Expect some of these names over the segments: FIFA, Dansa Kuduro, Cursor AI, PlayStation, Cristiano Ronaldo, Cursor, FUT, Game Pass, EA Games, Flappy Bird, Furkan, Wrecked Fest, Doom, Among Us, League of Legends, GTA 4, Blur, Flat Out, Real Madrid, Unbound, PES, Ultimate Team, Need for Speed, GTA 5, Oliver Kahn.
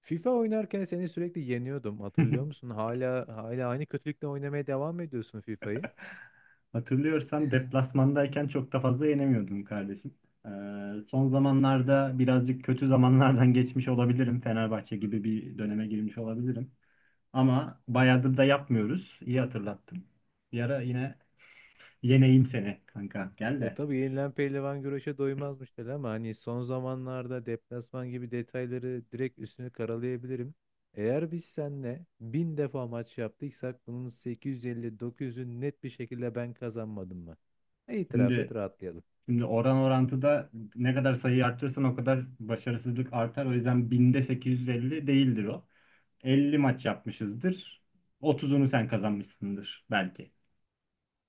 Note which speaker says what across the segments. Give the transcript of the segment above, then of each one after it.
Speaker 1: FIFA oynarken seni sürekli yeniyordum. Hatırlıyor musun? Hala aynı kötülükle oynamaya devam ediyorsun FIFA'yı.
Speaker 2: Hatırlıyorsan deplasmandayken çok da fazla yenemiyordum kardeşim. Ee, Son zamanlarda birazcık kötü zamanlardan geçmiş olabilirim. Fenerbahçe gibi bir döneme girmiş olabilirim. Ama bayağıdır da yapmıyoruz. İyi hatırlattın. Bir ara yine yeneyim seni kanka. Gel
Speaker 1: Ya
Speaker 2: de.
Speaker 1: tabii yenilen pehlivan güreşe doymazmış der ama hani son zamanlarda deplasman gibi detayları direkt üstünü karalayabilirim. Eğer biz seninle bin defa maç yaptıysak bunun 850-900'ü net bir şekilde ben kazanmadım mı? İtiraf et
Speaker 2: Şimdi
Speaker 1: rahatlayalım.
Speaker 2: şimdi oran orantıda ne kadar sayıyı arttırırsan o kadar başarısızlık artar. O yüzden binde 850 değildir o. 50 maç yapmışızdır. 30'unu sen kazanmışsındır belki.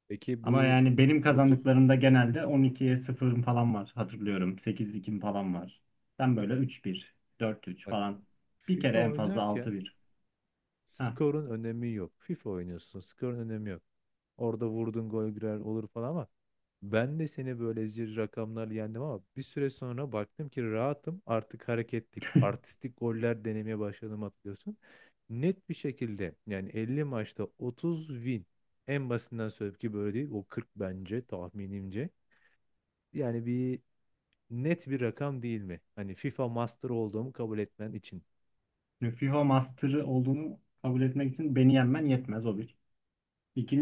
Speaker 1: Peki
Speaker 2: Ama
Speaker 1: bu
Speaker 2: yani benim
Speaker 1: 30,
Speaker 2: kazandıklarımda genelde 12-0 falan var, hatırlıyorum. Sekiz 2 falan var. Sen böyle 3-1, 4-3
Speaker 1: bak,
Speaker 2: falan. Bir kere
Speaker 1: FIFA
Speaker 2: en fazla altı
Speaker 1: oynarken
Speaker 2: bir. Ha.
Speaker 1: skorun önemi yok. FIFA oynuyorsun, skorun önemi yok. Orada vurdun, gol girer olur falan, ama ben de seni böyle zir rakamlar yendim. Ama bir süre sonra baktım ki rahatım, artık hareketlik artistik goller denemeye başladım, hatırlıyorsun. Net bir şekilde yani 50 maçta 30 win, en basitinden söyleyeyim ki böyle değil o, 40 bence tahminimce. Yani net bir rakam değil mi? Hani FIFA Master olduğumu kabul etmen için.
Speaker 2: Nüfiho Master'ı olduğunu kabul etmek için beni yenmen yetmez, o bir.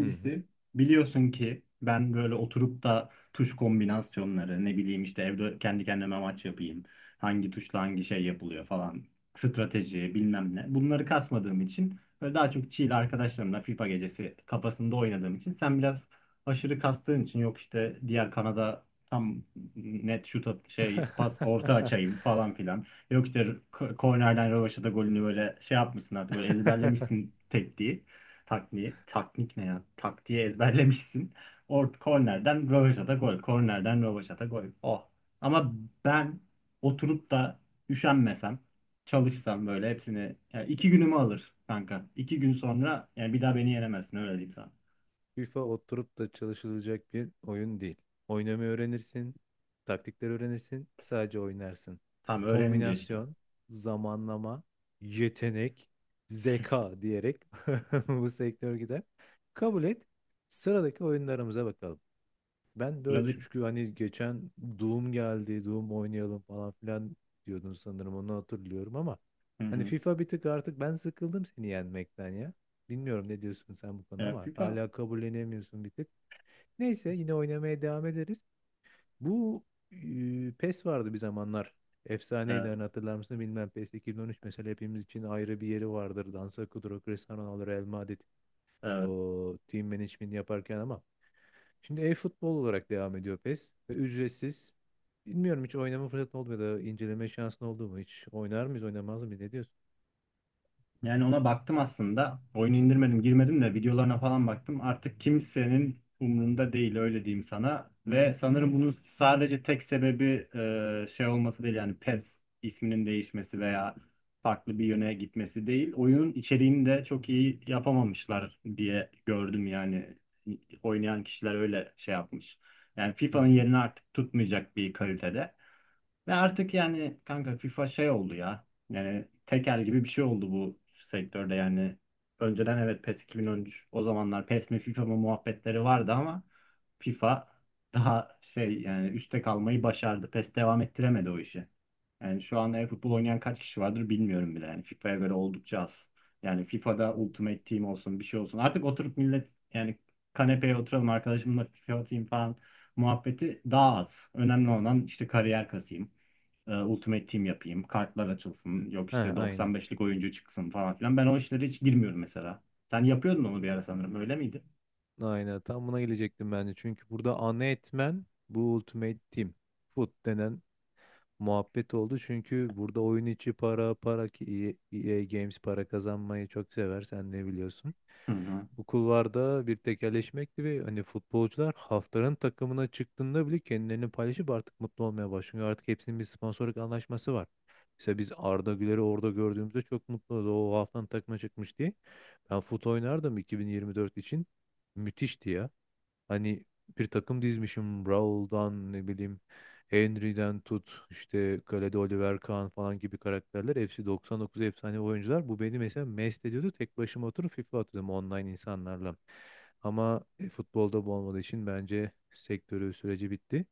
Speaker 1: Hı hı.
Speaker 2: biliyorsun ki ben böyle oturup da tuş kombinasyonları ne bileyim işte evde kendi kendime maç yapayım. Hangi tuşla hangi şey yapılıyor falan. Strateji bilmem ne. Bunları kasmadığım için böyle daha çok chill arkadaşlarımla FIFA gecesi kafasında oynadığım için sen biraz aşırı kastığın için yok işte diğer kanada tam net şey pas orta açayım falan filan. Yok işte kornerden rövaşata golünü böyle şey yapmışsın, artık böyle ezberlemişsin tekniği. Takviye, taknik ne ya? Taktiği ezberlemişsin. Kornerden rövaşata gol. Kornerden rövaşata gol. Oh. Ama ben oturup da üşenmesem, çalışsam böyle hepsini, yani 2 günümü alır kanka. 2 gün sonra yani bir daha beni yenemezsin, öyle diyeyim sana.
Speaker 1: FIFA oturup da çalışılacak bir oyun değil. Oynamayı öğrenirsin, taktikleri öğrenirsin, sadece oynarsın.
Speaker 2: Tamam, öğrenince işte.
Speaker 1: Kombinasyon, zamanlama, yetenek, zeka diyerek bu sektör gider. Kabul et. Sıradaki oyunlarımıza bakalım. Ben de öyle
Speaker 2: Sıradaki.
Speaker 1: düşünmüştüm. Çünkü hani geçen Doom geldi, Doom oynayalım falan filan diyordun sanırım. Onu hatırlıyorum ama
Speaker 2: Hı
Speaker 1: hani
Speaker 2: hı.
Speaker 1: FIFA bir tık artık ben sıkıldım seni yenmekten ya. Bilmiyorum ne diyorsun sen bu konuda,
Speaker 2: E,
Speaker 1: ama
Speaker 2: FIFA.
Speaker 1: hala kabullenemiyorsun bir tık. Neyse yine oynamaya devam ederiz. Bu PES vardı bir zamanlar. Efsaneydi,
Speaker 2: Evet,
Speaker 1: hani hatırlar mısın bilmem, PES 2013 mesela hepimiz için ayrı bir yeri vardır. Dansa Kuduro, Cristiano Ronaldo, Real Madrid,
Speaker 2: evet.
Speaker 1: o team management yaparken. Ama şimdi e-futbol olarak devam ediyor PES, ve ücretsiz. Bilmiyorum, hiç oynama fırsatın oldu mu ya da inceleme şansın oldu mu hiç? Oynar mıyız, oynamaz mıyız? Ne diyorsun?
Speaker 2: Yani ona baktım aslında. Oyunu indirmedim, girmedim de videolarına falan baktım. Artık kimsenin umrunda değil, öyle diyeyim sana. Ve sanırım bunun sadece tek sebebi şey olması değil, yani PES isminin değişmesi veya farklı bir yöne gitmesi değil. Oyunun içeriğini de çok iyi yapamamışlar diye gördüm yani. Oynayan kişiler öyle şey yapmış. Yani
Speaker 1: Hı
Speaker 2: FIFA'nın
Speaker 1: hı.
Speaker 2: yerini artık tutmayacak bir kalitede. Ve artık yani kanka FIFA şey oldu ya. Yani tekel gibi bir şey oldu bu sektörde yani. Önceden evet PES 2013, o zamanlar PES mi FIFA mı muhabbetleri vardı ama FIFA daha şey, yani üstte kalmayı başardı. PES devam ettiremedi o işi. Yani şu anda e-futbol oynayan kaç kişi vardır bilmiyorum bile. Yani FIFA'ya göre oldukça az. Yani FIFA'da
Speaker 1: Ya.
Speaker 2: Ultimate Team olsun, bir şey olsun. Artık oturup millet yani kanepeye oturalım, arkadaşımla FIFA atayım falan muhabbeti daha az. Önemli olan işte kariyer kasayım, Ultimate Team yapayım, kartlar açılsın, yok
Speaker 1: Ha,
Speaker 2: işte
Speaker 1: aynen.
Speaker 2: 95'lik oyuncu çıksın falan filan. Ben o işlere hiç girmiyorum mesela. Sen yapıyordun onu bir ara sanırım, öyle miydi?
Speaker 1: Aynen. Tam buna gelecektim ben de. Çünkü burada ana etmen bu Ultimate Team. FUT denen muhabbet oldu. Çünkü burada oyun içi para ki EA Games para kazanmayı çok sever, sen ne biliyorsun.
Speaker 2: Hı hı.
Speaker 1: Bu kulvarda bir tekelleşmekti, ve hani futbolcular haftanın takımına çıktığında bile kendilerini paylaşıp artık mutlu olmaya başlıyor. Artık hepsinin bir sponsorluk anlaşması var. Mesela biz Arda Güler'i orada gördüğümüzde çok mutlu olduk. O haftanın takıma çıkmış diye. Ben fut oynardım 2024 için. Müthişti ya. Hani bir takım dizmişim, Raul'dan ne bileyim Henry'den tut, işte kalede Oliver Kahn falan gibi karakterler. Hepsi 99 efsane oyuncular. Bu beni mesela mest ediyordu. Tek başıma oturup FIFA atıyordum online insanlarla. Ama futbolda bu olmadığı için bence sektörü süreci bitti.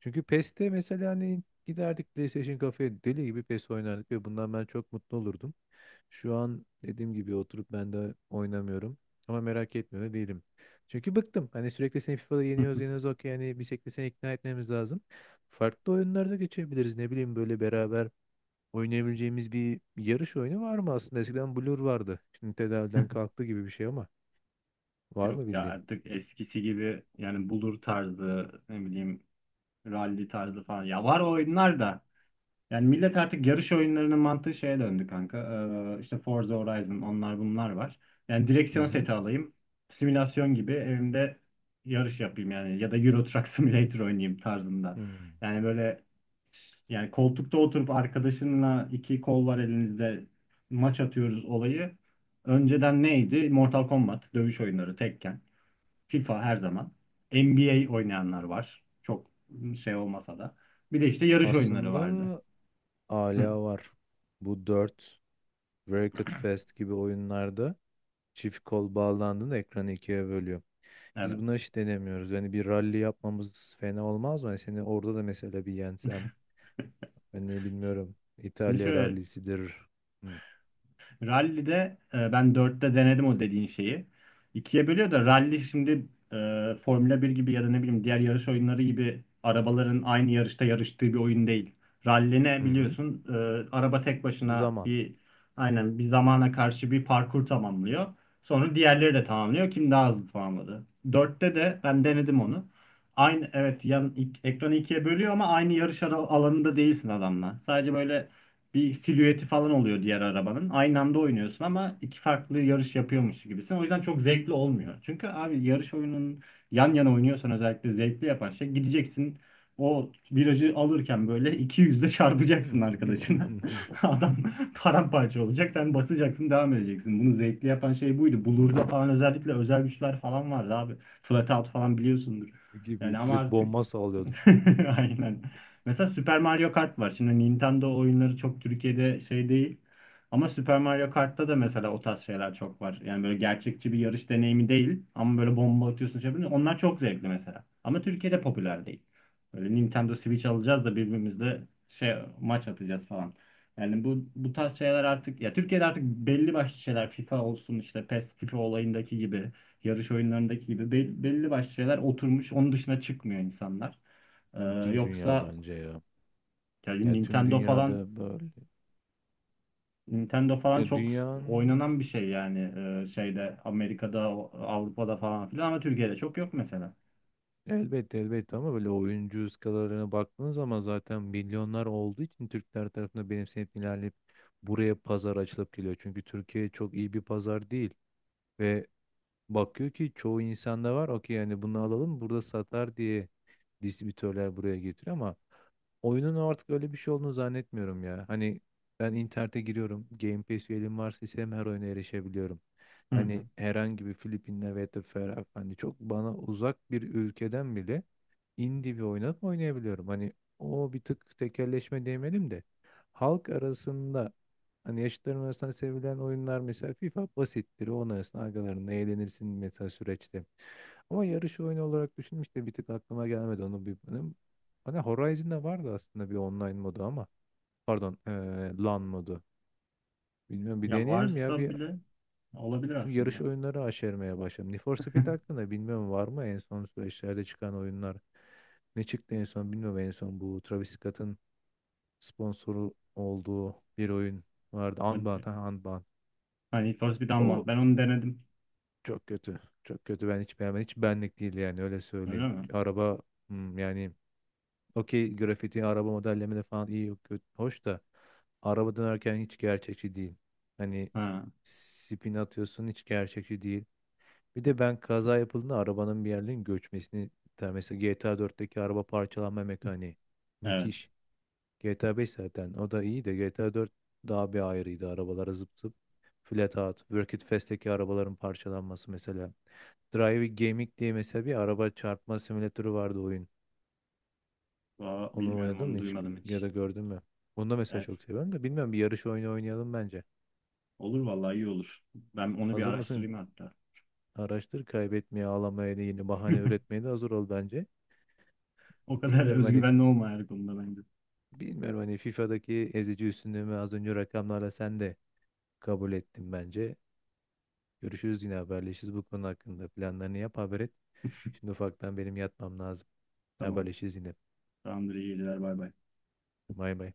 Speaker 1: Çünkü PES'te mesela hani giderdik PlayStation kafeye, deli gibi PES oynardık, ve bundan ben çok mutlu olurdum. Şu an dediğim gibi oturup ben de oynamıyorum. Ama merak etmiyor da değilim. Çünkü bıktım. Hani sürekli seni FIFA'da yeniyoruz yeniyoruz, okey. Yani bir şekilde seni ikna etmemiz lazım. Farklı oyunlarda geçebiliriz. Ne bileyim böyle beraber oynayabileceğimiz bir yarış oyunu var mı aslında? Eskiden Blur vardı. Şimdi tedaviden kalktı gibi bir şey ama. Var
Speaker 2: Yok
Speaker 1: mı
Speaker 2: ya,
Speaker 1: bildiğin?
Speaker 2: artık eskisi gibi yani bulur tarzı, ne bileyim rally tarzı falan. Ya var o oyunlar da. Yani millet artık yarış oyunlarının mantığı şeye döndü kanka. İşte Forza Horizon onlar bunlar var. Yani
Speaker 1: Hı
Speaker 2: direksiyon
Speaker 1: hı.
Speaker 2: seti alayım. Simülasyon gibi evimde yarış yapayım yani. Ya da Euro Truck Simulator oynayayım tarzında.
Speaker 1: Hmm.
Speaker 2: Yani böyle. Yani koltukta oturup arkadaşınla iki kol var elinizde maç atıyoruz olayı. Önceden neydi? Mortal Kombat, dövüş oyunları, Tekken, FIFA her zaman. NBA oynayanlar var. Çok şey olmasa da. Bir de işte yarış oyunları vardı.
Speaker 1: Aslında
Speaker 2: Hı,
Speaker 1: hala var. Bu 4, Wrecked Fest gibi oyunlarda çift kol bağlandığında ekranı ikiye bölüyor. Biz
Speaker 2: evet.
Speaker 1: bunları hiç denemiyoruz. Yani bir rally yapmamız fena olmaz mı? Yani seni orada da mesela bir yensem. Ben ne bilmiyorum.
Speaker 2: Şimdi
Speaker 1: İtalya
Speaker 2: şöyle.
Speaker 1: rallisidir. Hı.
Speaker 2: Rally'de ben dörtte denedim o dediğin şeyi. İkiye bölüyor da, rally şimdi Formula 1 gibi ya da ne bileyim diğer yarış oyunları gibi arabaların aynı yarışta yarıştığı bir oyun değil. Rally ne
Speaker 1: Hı hı.
Speaker 2: biliyorsun? Araba tek başına
Speaker 1: Zaman
Speaker 2: bir, aynen, bir zamana karşı bir parkur tamamlıyor. Sonra diğerleri de tamamlıyor. Kim daha hızlı tamamladı? Dörtte de ben denedim onu. Aynı, evet, ekranı ikiye bölüyor ama aynı alanında değilsin adamla. Sadece böyle bir silüeti falan oluyor diğer arabanın. Aynı anda oynuyorsun ama iki farklı yarış yapıyormuş gibisin. O yüzden çok zevkli olmuyor. Çünkü abi yarış oyunun yan yana oynuyorsan özellikle zevkli yapan şey, gideceksin o virajı alırken böyle iki yüzle çarpacaksın arkadaşına. Adam paramparça olacak. Sen basacaksın, devam edeceksin. Bunu zevkli yapan şey buydu. Bulur'da falan özellikle özel güçler falan vardı abi. Flatout falan biliyorsundur. Yani
Speaker 1: gibi
Speaker 2: ama
Speaker 1: direkt
Speaker 2: artık
Speaker 1: bomba sallıyordum.
Speaker 2: aynen. Mesela Super Mario Kart var. Şimdi Nintendo oyunları çok Türkiye'de şey değil. Ama Super Mario Kart'ta da mesela o tarz şeyler çok var. Yani böyle gerçekçi bir yarış deneyimi değil. Ama böyle bomba atıyorsun, şey yapıyorsun. Onlar çok zevkli mesela. Ama Türkiye'de popüler değil. Böyle Nintendo Switch alacağız da birbirimizle şey maç atacağız falan. Yani bu tarz şeyler artık ya Türkiye'de artık belli başlı şeyler, FIFA olsun işte PES FIFA olayındaki gibi yarış oyunlarındaki gibi belli başlı şeyler oturmuş, onun dışına çıkmıyor insanlar. Ee,
Speaker 1: Bütün dünya
Speaker 2: Yoksa
Speaker 1: bence ya.
Speaker 2: ya
Speaker 1: Ya tüm
Speaker 2: Nintendo falan,
Speaker 1: dünyada böyle. Ya
Speaker 2: Çok
Speaker 1: dünyanın.
Speaker 2: oynanan bir şey yani şeyde, Amerika'da, Avrupa'da falan filan ama Türkiye'de çok yok mesela.
Speaker 1: Elbette, elbette, ama böyle oyuncu skalarına baktığın zaman zaten milyonlar olduğu için Türkler tarafından benimsenip ilerleyip buraya pazar açılıp geliyor. Çünkü Türkiye çok iyi bir pazar değil, ve bakıyor ki çoğu insanda var, okey, yani bunu alalım burada satar diye distribütörler buraya getiriyor. Ama oyunun artık öyle bir şey olduğunu zannetmiyorum ya. Hani ben internete giriyorum, Game Pass üyeliğim varsa istediğim her oyuna erişebiliyorum.
Speaker 2: Hı hı.
Speaker 1: Hani herhangi bir Filipinler veya da Ferah, hani çok bana uzak bir ülkeden bile indie bir oyunu oynayabiliyorum. Hani o bir tık tekelleşme demeyelim de, halk arasında, hani yaşıtlarım arasında sevilen oyunlar, mesela FIFA basittir. Onun arasında arkalarında eğlenirsin mesela süreçte. Ama yarış oyunu olarak düşünmüş de bir tık aklıma gelmedi onu bir benim. Hani Horizon'da vardı aslında bir online modu ama, pardon LAN modu. Bilmiyorum, bir
Speaker 2: Ya
Speaker 1: deneyelim ya
Speaker 2: varsa
Speaker 1: bir,
Speaker 2: bile olabilir
Speaker 1: çünkü yarış
Speaker 2: aslında.
Speaker 1: oyunları aşermeye başladım. Need for Speed hakkında bilmiyorum var mı en son süreçlerde çıkan oyunlar. Ne çıktı en son bilmiyorum, en son bu Travis Scott'ın sponsoru olduğu bir oyun vardı. Unbound,
Speaker 2: Hadi.
Speaker 1: ha, Unbound.
Speaker 2: Hani Need for Speed Unbound.
Speaker 1: O
Speaker 2: Ben onu denedim.
Speaker 1: çok kötü. Çok kötü, ben hiç beğenmedim. Hiç benlik değil, yani öyle
Speaker 2: Öyle
Speaker 1: söyleyeyim.
Speaker 2: mi?
Speaker 1: Araba, yani, okey, grafiti araba modellemede falan iyi, yok kötü. Hoş da araba dönerken hiç gerçekçi değil. Hani
Speaker 2: Ha,
Speaker 1: spin atıyorsun, hiç gerçekçi değil. Bir de ben kaza yapıldığında arabanın bir yerlerin göçmesini ister. Mesela GTA 4'teki araba parçalanma mekaniği
Speaker 2: evet.
Speaker 1: müthiş. GTA 5 zaten o da iyi, de GTA 4 daha bir ayrıydı. Arabalara zıp zıp flat out. Work It Fast'teki arabaların parçalanması mesela. Driving Gaming diye mesela bir araba çarpma simülatörü vardı oyun.
Speaker 2: Aa,
Speaker 1: Onu
Speaker 2: bilmiyorum,
Speaker 1: oynadın
Speaker 2: onu
Speaker 1: mı hiç,
Speaker 2: duymadım
Speaker 1: ya
Speaker 2: hiç.
Speaker 1: da gördün mü? Onu da mesela
Speaker 2: Evet.
Speaker 1: çok seviyorum da, bilmiyorum, bir yarış oyunu oynayalım bence.
Speaker 2: Olur vallahi, iyi olur. Ben onu bir
Speaker 1: Hazır mısın?
Speaker 2: araştırayım hatta.
Speaker 1: Araştır kaybetmeye, ağlamaya, da yeni bahane üretmeye de hazır ol bence.
Speaker 2: O kadar
Speaker 1: Bilmiyorum hani
Speaker 2: özgüvenli olma her konuda bence.
Speaker 1: Bilmiyorum hani FIFA'daki ezici üstünlüğümü az önce rakamlarla sen de kabul ettin bence. Görüşürüz, yine haberleşiriz bu konu hakkında. Planlarını yap, haber et. Şimdi ufaktan benim yatmam lazım.
Speaker 2: Tamam.
Speaker 1: Haberleşiriz yine.
Speaker 2: Tamamdır, iyi geceler, bay bay.
Speaker 1: Bay bay.